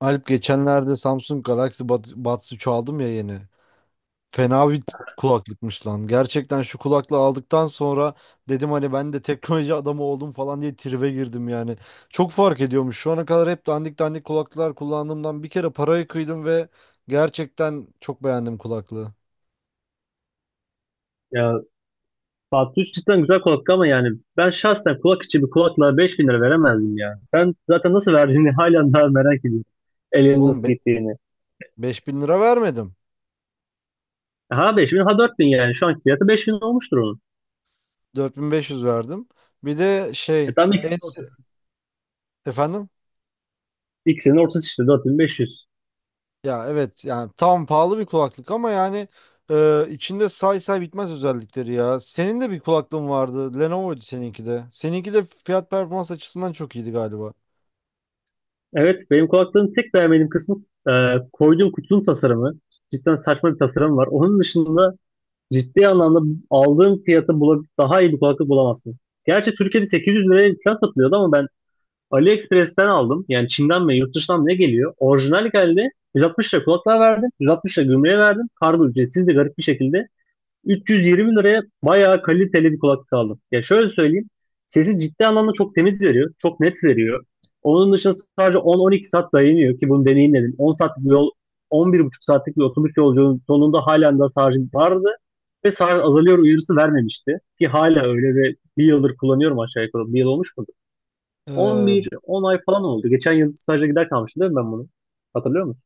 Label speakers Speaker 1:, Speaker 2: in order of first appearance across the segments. Speaker 1: Alp, geçenlerde Samsung Galaxy Buds 3 aldım ya yeni. Fena bir kulaklıkmış lan. Gerçekten şu kulaklığı aldıktan sonra dedim hani ben de teknoloji adamı oldum falan diye tribe girdim yani. Çok fark ediyormuş. Şu ana kadar hep dandik dandik kulaklıklar kullandığımdan bir kere parayı kıydım ve gerçekten çok beğendim kulaklığı.
Speaker 2: Ya Fatih Üç cidden güzel kulaklık ama yani ben şahsen kulak içi bir kulaklığa 5000 lira veremezdim ya. Sen zaten nasıl verdiğini hala daha merak ediyorum. Elinin
Speaker 1: Oğlum,
Speaker 2: nasıl gittiğini.
Speaker 1: 5.000 lira vermedim.
Speaker 2: Ha 5000 ha 4000, yani şu anki fiyatı 5000 olmuştur onun.
Speaker 1: 4.500 verdim. Bir de
Speaker 2: E
Speaker 1: şey,
Speaker 2: tam
Speaker 1: en
Speaker 2: ikisinin
Speaker 1: se-
Speaker 2: ortası.
Speaker 1: efendim?
Speaker 2: İkisinin ortası işte 4500.
Speaker 1: Ya evet, yani tam pahalı bir kulaklık ama yani, içinde say say bitmez özellikleri ya. Senin de bir kulaklığın vardı. Lenovo'ydu seninki de. Seninki de fiyat performans açısından çok iyiydi galiba.
Speaker 2: Evet, benim kulaklığın tek beğenmediğim kısmı e, koyduğum kutunun tasarımı. Cidden saçma bir tasarım var. Onun dışında ciddi anlamda aldığım daha iyi bir kulaklık bulamazsın. Gerçi Türkiye'de 800 liraya falan satılıyordu ama ben AliExpress'ten aldım. Yani Çin'den mi yurt dışından mı ne geliyor? Orijinal geldi. 160 lira kulaklığa verdim. 160 lira gümrüğe verdim. Kargo ücretsiz de garip bir şekilde. 320 liraya bayağı kaliteli bir kulaklık aldım. Ya şöyle söyleyeyim. Sesi ciddi anlamda çok temiz veriyor. Çok net veriyor. Onun dışında sadece 10-12 saat dayanıyor ki bunu deneyimledim. 10 saatlik bir yol, 11,5 saatlik bir otobüs yolculuğunun sonunda halen daha şarjım vardı. Ve şarj azalıyor uyarısı vermemişti. Ki hala öyle ve bir yıldır kullanıyorum aşağı yukarı. Bir yıl olmuş mu? 11,
Speaker 1: E,
Speaker 2: 10 ay falan oldu. Geçen yıl staja gider kalmıştım değil mi ben bunu? Hatırlıyor musun?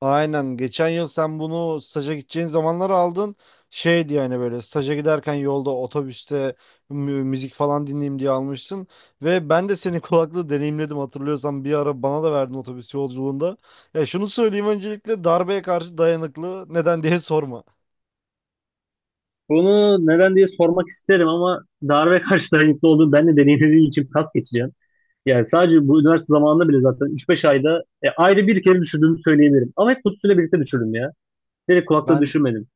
Speaker 1: aynen geçen yıl sen bunu staja gideceğin zamanlar aldın. Şeydi yani, böyle staja giderken yolda otobüste müzik falan dinleyeyim diye almışsın. Ve ben de senin kulaklığı deneyimledim, hatırlıyorsan bir ara bana da verdin otobüs yolculuğunda. Ya şunu söyleyeyim, öncelikle darbeye karşı dayanıklı, neden diye sorma.
Speaker 2: Bunu neden diye sormak isterim ama darbe karşı dayanıklı olduğunu ben de deneyimlediğim için pas geçeceğim. Yani sadece bu üniversite zamanında bile zaten ayda bir kere düşürdüğümü söyleyebilirim. Ama hep kutusuyla birlikte düşürdüm ya. Direkt kulakta
Speaker 1: Ben
Speaker 2: düşürmedim.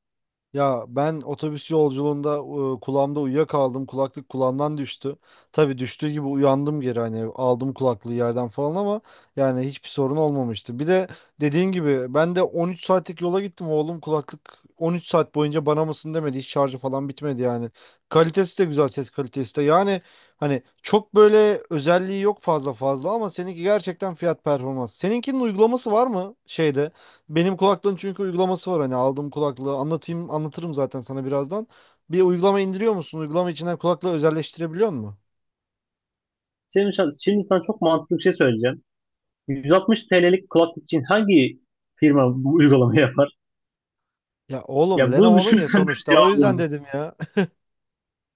Speaker 1: Ya ben otobüs yolculuğunda, kulağımda uyuyakaldım. Kulaklık kulağımdan düştü. Tabii düştüğü gibi uyandım, geri hani aldım kulaklığı yerden falan ama yani hiçbir sorun olmamıştı. Bir de dediğin gibi ben de 13 saatlik yola gittim oğlum, kulaklık 13 saat boyunca bana mısın demedi. Hiç şarjı falan bitmedi yani. Kalitesi de güzel, ses kalitesi de. Yani hani çok böyle özelliği yok fazla fazla ama seninki gerçekten fiyat performans. Seninkinin uygulaması var mı şeyde? Benim kulaklığın çünkü uygulaması var, hani aldığım kulaklığı anlatayım, anlatırım zaten sana birazdan. Bir uygulama indiriyor musun? Uygulama içinden kulaklığı özelleştirebiliyor musun?
Speaker 2: Şimdi sana çok mantıklı bir şey söyleyeceğim. 160 TL'lik kulaklık için hangi firma bu uygulamayı yapar?
Speaker 1: Ya oğlum
Speaker 2: Ya bunu
Speaker 1: Lenovo'nun ya
Speaker 2: düşünürsen de
Speaker 1: sonuçta, o
Speaker 2: cevap
Speaker 1: yüzden
Speaker 2: olabilir.
Speaker 1: dedim ya.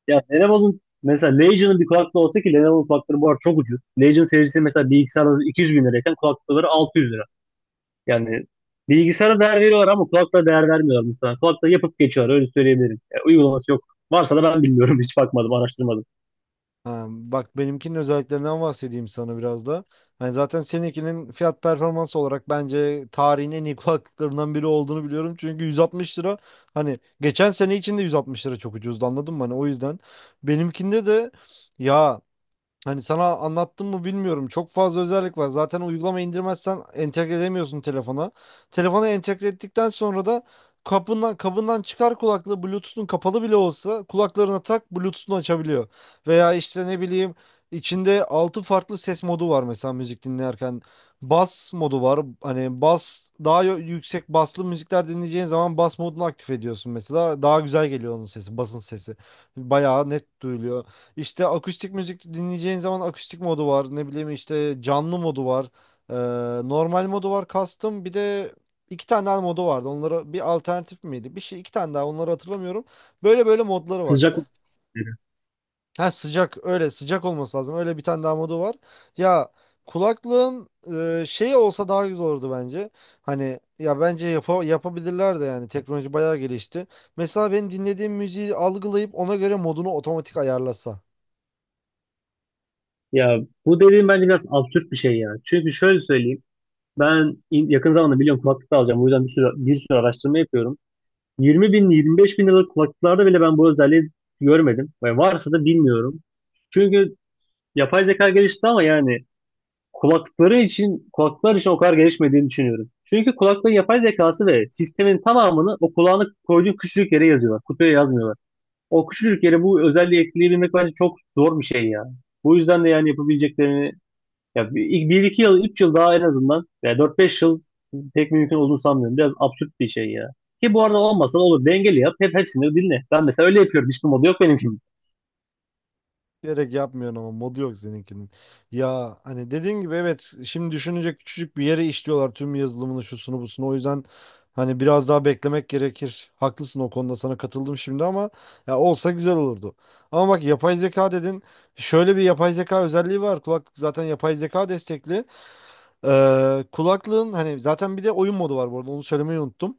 Speaker 2: Ya Lenovo'nun mesela Legion'ın bir kulaklığı olsa, ki Lenovo'nun kulaklıkları bu arada çok ucuz. Legion serisi mesela bilgisayarda 200 bin lirayken kulaklıkları 600 lira. Yani bilgisayara değer veriyorlar ama kulaklığa değer vermiyorlar mesela. Kulaklığı yapıp geçiyorlar, öyle söyleyebilirim. Ya, uygulaması yok. Varsa da ben bilmiyorum, hiç bakmadım, araştırmadım.
Speaker 1: Ha, bak benimkinin özelliklerinden bahsedeyim sana biraz da. Hani zaten seninkinin fiyat performans olarak bence tarihin en iyi kulaklıklarından biri olduğunu biliyorum. Çünkü 160 lira, hani geçen sene içinde 160 lira çok ucuzdu, anladın mı? Hani o yüzden benimkinde de, ya, hani sana anlattım mı bilmiyorum. Çok fazla özellik var. Zaten uygulama indirmezsen entegre edemiyorsun telefona. Telefona entegre ettikten sonra da kapından kabından çıkar kulaklığı, Bluetooth'un kapalı bile olsa kulaklarına tak, Bluetooth'unu açabiliyor. Veya işte ne bileyim, içinde 6 farklı ses modu var mesela müzik dinlerken. Bas modu var. Hani bas daha yüksek baslı müzikler dinleyeceğin zaman bas modunu aktif ediyorsun mesela. Daha güzel geliyor onun sesi, basın sesi. Bayağı net duyuluyor. İşte akustik müzik dinleyeceğin zaman akustik modu var. Ne bileyim işte, canlı modu var. Ee, Normal modu var, custom. Bir de iki tane daha modu vardı. Onlara bir alternatif miydi? Bir şey iki tane daha, onları hatırlamıyorum. Böyle böyle modları var.
Speaker 2: Sıcak mı?
Speaker 1: Ha sıcak, öyle sıcak olması lazım. Öyle bir tane daha modu var. Ya kulaklığın, şeyi olsa daha güzel olurdu bence. Hani ya bence yapabilirler de, yani teknoloji bayağı gelişti. Mesela benim dinlediğim müziği algılayıp ona göre modunu otomatik ayarlasa.
Speaker 2: Ya bu dediğim bence biraz absürt bir şey ya. Çünkü şöyle söyleyeyim. Yakın zamanda biliyorum kulaklık da alacağım. O yüzden bir sürü araştırma yapıyorum. 20 bin, 25 bin liralık kulaklıklarda bile ben bu özelliği görmedim. Ve varsa da bilmiyorum. Çünkü yapay zeka gelişti ama yani kulaklar için o kadar gelişmediğini düşünüyorum. Çünkü kulaklığın yapay zekası ve sistemin tamamını o kulağını koyduğun küçücük yere yazıyorlar. Kutuya yazmıyorlar. O küçücük yere bu özelliği ekleyebilmek bence çok zor bir şey ya. Bu yüzden de yani yapabileceklerini ya bir, 1-2 yıl, 3 yıl daha en azından veya 4-5 yıl pek mümkün olduğunu sanmıyorum. Biraz absürt bir şey ya. Ki bu arada olmasa da olur. Dengeli yap. Hepsini dinle. Ben mesela öyle yapıyorum. Hiçbir modu yok benimki.
Speaker 1: Gerek yapmıyorsun ama, modu yok seninkinin. Ya hani dediğin gibi evet, şimdi düşününce küçücük bir yere işliyorlar tüm yazılımını, şusunu busunu. O yüzden hani biraz daha beklemek gerekir. Haklısın o konuda, sana katıldım şimdi ama ya olsa güzel olurdu. Ama bak yapay zeka dedin. Şöyle bir yapay zeka özelliği var. Kulaklık zaten yapay zeka destekli. Kulaklığın hani zaten bir de oyun modu var bu arada, onu söylemeyi unuttum.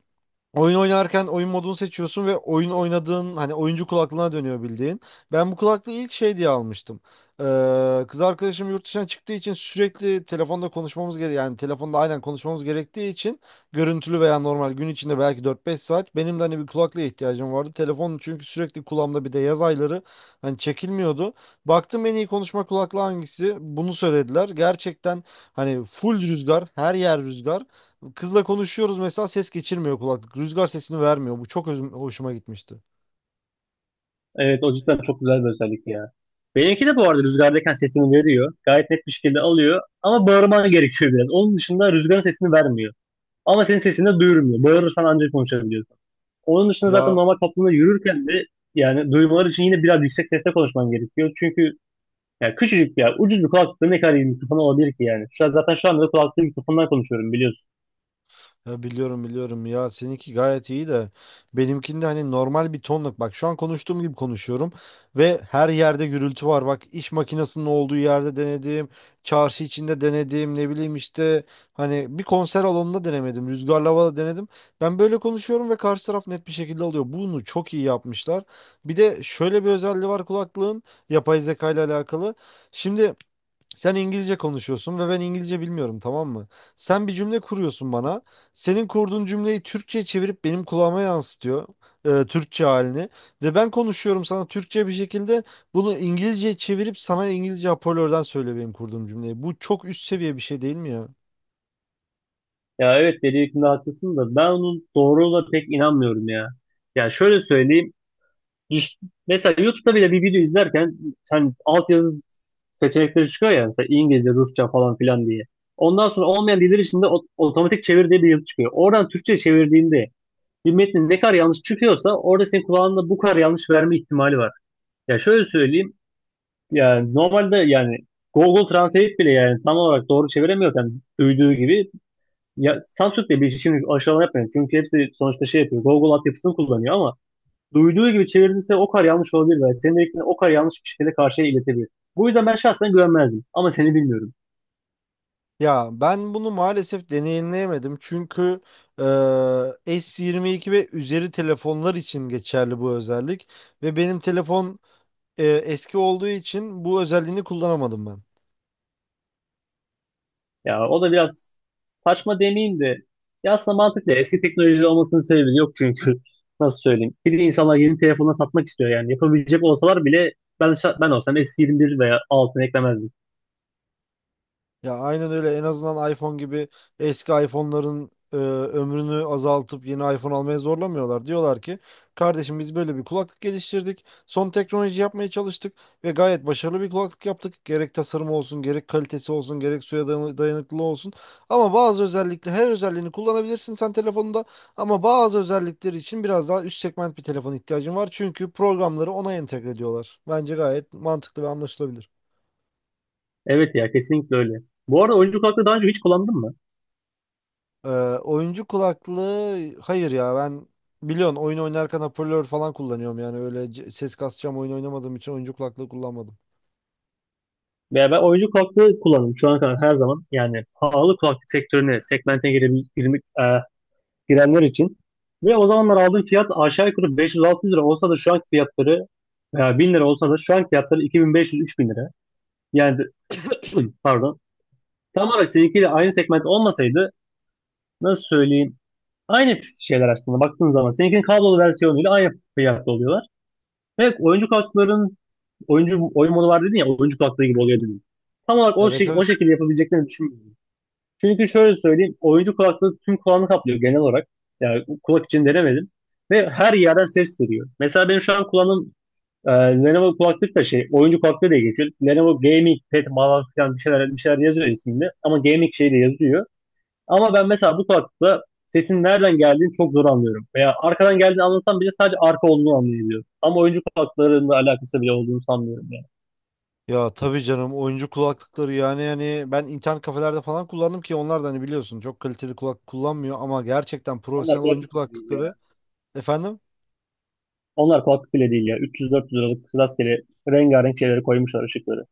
Speaker 1: Oyun oynarken oyun modunu seçiyorsun ve oyun oynadığın hani oyuncu kulaklığına dönüyor bildiğin. Ben bu kulaklığı ilk şey diye almıştım. Kız arkadaşım yurt dışına çıktığı için sürekli telefonda konuşmamız gerekiyor. Yani telefonda aynen konuşmamız gerektiği için, görüntülü veya normal, gün içinde belki 4-5 saat benim de hani bir kulaklığa ihtiyacım vardı. Telefon çünkü sürekli kulağımda, bir de yaz ayları hani çekilmiyordu. Baktım en iyi konuşma kulaklığı hangisi? Bunu söylediler. Gerçekten hani full rüzgar, her yer rüzgar. Kızla konuşuyoruz mesela, ses geçirmiyor kulaklık. Rüzgar sesini vermiyor. Bu çok hoşuma gitmişti.
Speaker 2: Evet, o cidden çok güzel bir özellik ya. Benimki de bu arada rüzgardayken sesini veriyor. Gayet net bir şekilde alıyor. Ama bağırman gerekiyor biraz. Onun dışında rüzgarın sesini vermiyor. Ama senin sesini de duyurmuyor. Bağırırsan ancak konuşabiliyorsun. Onun dışında zaten
Speaker 1: Ya
Speaker 2: normal toplumda yürürken de yani duymaları için yine biraz yüksek sesle konuşman gerekiyor. Çünkü yani küçücük bir yer. Ucuz bir kulaklıkla ne kadar iyi mikrofon olabilir ki yani. Şu an zaten şu anda da kulaklıklı mikrofondan konuşuyorum, biliyorsun.
Speaker 1: Ya biliyorum biliyorum ya, seninki gayet iyi de benimkinde hani normal bir tonluk, bak şu an konuştuğum gibi konuşuyorum ve her yerde gürültü var, bak iş makinesinin olduğu yerde denedim, çarşı içinde denedim, ne bileyim işte, hani bir konser alanında denemedim, rüzgarlı havada denedim, ben böyle konuşuyorum ve karşı taraf net bir şekilde alıyor, bunu çok iyi yapmışlar. Bir de şöyle bir özelliği var kulaklığın, yapay zeka ile alakalı. Şimdi sen İngilizce konuşuyorsun ve ben İngilizce bilmiyorum, tamam mı? Sen bir cümle kuruyorsun bana. Senin kurduğun cümleyi Türkçe'ye çevirip benim kulağıma yansıtıyor. Türkçe halini. Ve ben konuşuyorum sana Türkçe bir şekilde, bunu İngilizce'ye çevirip sana İngilizce hoparlörden söylüyor benim kurduğum cümleyi. Bu çok üst seviye bir şey değil mi ya?
Speaker 2: Ya evet, dediğinde haklısın da ben onun doğruluğuna pek inanmıyorum ya. Yani şöyle söyleyeyim. İş- Mesela YouTube'da bile bir video izlerken hani altyazı seçenekleri çıkıyor ya, mesela İngilizce, Rusça falan filan diye. Ondan sonra olmayan diller içinde otomatik çevir diye bir yazı çıkıyor. Oradan Türkçe çevirdiğinde bir metnin ne kadar yanlış çıkıyorsa orada senin kulağında bu kadar yanlış verme ihtimali var. Ya şöyle söyleyeyim. Yani normalde yani Google Translate bile yani tam olarak doğru çeviremiyorken duyduğu gibi, ya Samsung de bir şimdi aşağılama yapmayın. Çünkü hepsi sonuçta şey yapıyor. Google altyapısını kullanıyor ama duyduğu gibi çevirdiyse o kadar yanlış olabilir ve senin dediklerini o kadar yanlış bir şekilde karşıya iletebilir. Bu yüzden ben şahsen güvenmezdim. Ama seni bilmiyorum.
Speaker 1: Ya ben bunu maalesef deneyimleyemedim. Çünkü e, S22 ve üzeri telefonlar için geçerli bu özellik. Ve benim telefon eski olduğu için bu özelliğini kullanamadım ben.
Speaker 2: Ya o da biraz saçma demeyeyim de, ya aslında mantıklı. Eski teknoloji olmasının sebebi yok çünkü. Nasıl söyleyeyim? Bir de insanlar yeni telefonla satmak istiyor yani. Yapabilecek olsalar bile ben olsam S21 veya altını eklemezdim.
Speaker 1: Ya aynen öyle, en azından iPhone gibi eski iPhone'ların ömrünü azaltıp yeni iPhone almaya zorlamıyorlar. Diyorlar ki kardeşim, biz böyle bir kulaklık geliştirdik. Son teknoloji yapmaya çalıştık ve gayet başarılı bir kulaklık yaptık. Gerek tasarımı olsun, gerek kalitesi olsun, gerek suya dayanıklılığı olsun. Ama bazı özellikle, her özelliğini kullanabilirsin sen telefonunda ama bazı özellikleri için biraz daha üst segment bir telefon ihtiyacın var. Çünkü programları ona entegre ediyorlar. Bence gayet mantıklı ve anlaşılabilir.
Speaker 2: Evet ya, kesinlikle öyle. Bu arada oyuncu kulaklığı daha önce hiç kullandın mı?
Speaker 1: Ee, Oyuncu kulaklığı hayır ya, ben biliyorsun oyun oynarken hoparlör falan kullanıyorum, yani öyle ses kasacağım oyun oynamadığım için oyuncu kulaklığı kullanmadım.
Speaker 2: Veya ben oyuncu kulaklığı kullandım şu ana kadar her zaman. Yani pahalı kulaklık sektörüne, segmente girebil- girmek- e, girenler için. Ve o zamanlar aldığım fiyat aşağı yukarı 500-600 lira olsa da şu anki fiyatları, veya 1000 lira olsa da şu anki fiyatları 2500-3000 lira. Yani pardon. Tamamen seninkiyle aynı segment olmasaydı, nasıl söyleyeyim? Aynı şeyler aslında baktığın zaman. Seninkinin kablolu versiyonuyla aynı fiyatta oluyorlar. Evet, oyuncu oyun modu var dedin ya, oyuncu kartları gibi oluyor dedim. Tam olarak
Speaker 1: Evet,
Speaker 2: o
Speaker 1: evet.
Speaker 2: şekilde yapabileceklerini düşünmüyorum. Çünkü şöyle söyleyeyim, oyuncu kulaklığı tüm kulağını kaplıyor genel olarak. Yani kulak için denemedim. Ve her yerden ses veriyor. Mesela benim şu an kulağım, Lenovo kulaklık da şey oyuncu kulaklığı diye geçiyor. Lenovo Gaming Pad falan filan bir şeyler yazıyor isminde. Ama gaming şey de yazıyor. Ama ben mesela bu kulaklıkla sesin nereden geldiğini çok zor anlıyorum. Veya arkadan geldiğini anlasam bile sadece arka olduğunu anlayabiliyorum. Ama oyuncu kulaklıklarında alakası bile olduğunu sanmıyorum yani.
Speaker 1: Ya tabii canım, oyuncu kulaklıkları yani ben internet kafelerde falan kullandım, ki onlar da hani biliyorsun çok kaliteli kulak kullanmıyor ama gerçekten
Speaker 2: Onlar
Speaker 1: profesyonel oyuncu
Speaker 2: kulaklık bile değil ya.
Speaker 1: kulaklıkları. Efendim?
Speaker 2: Onlar kulaklık bile değil ya. 300-400 liralık rastgele rengarenk şeyleri koymuşlar ışıkları.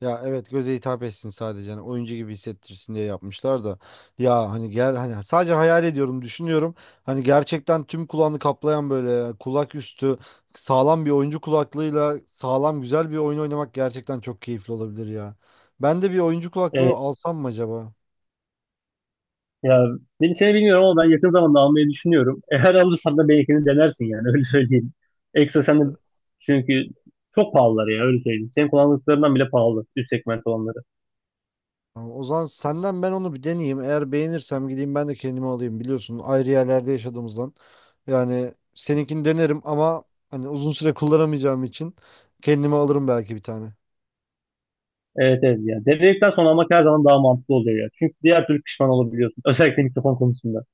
Speaker 1: Ya evet, göze hitap etsin sadece hani, oyuncu gibi hissettirsin diye yapmışlar da ya hani, gel hani, sadece hayal ediyorum, düşünüyorum hani, gerçekten tüm kulağını kaplayan böyle kulak üstü sağlam bir oyuncu kulaklığıyla sağlam güzel bir oyun oynamak gerçekten çok keyifli olabilir ya. Ben de bir oyuncu kulaklığı
Speaker 2: Evet
Speaker 1: alsam mı acaba?
Speaker 2: ya, seni bilmiyorum ama ben yakın zamanda almayı düşünüyorum. Eğer alırsan da belki denersin, yani öyle söyleyeyim. Ekstra sen de, çünkü çok pahalılar ya, öyle söyleyeyim. Senin kullandıklarından bile pahalı üst segment olanları.
Speaker 1: Tamam, o zaman senden ben onu bir deneyeyim. Eğer beğenirsem gideyim ben de kendimi alayım. Biliyorsun ayrı yerlerde yaşadığımızdan. Yani seninkini denerim ama hani uzun süre kullanamayacağım için kendime alırım belki bir tane.
Speaker 2: Evet evet ya. Denedikten sonra almak her zaman daha mantıklı oluyor ya. Çünkü diğer türlü pişman olabiliyorsun. Özellikle mikrofon konusunda.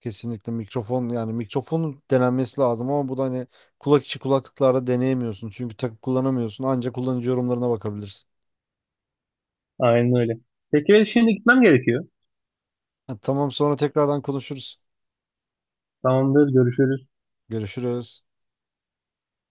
Speaker 1: Kesinlikle mikrofon, yani mikrofonun denenmesi lazım ama bu da hani kulak içi kulaklıklarda deneyemiyorsun. Çünkü takıp kullanamıyorsun. Ancak kullanıcı yorumlarına bakabilirsin.
Speaker 2: Aynen öyle. Peki ben şimdi gitmem gerekiyor.
Speaker 1: Ha, tamam, sonra tekrardan konuşuruz.
Speaker 2: Tamamdır. Görüşürüz.
Speaker 1: Görüşürüz.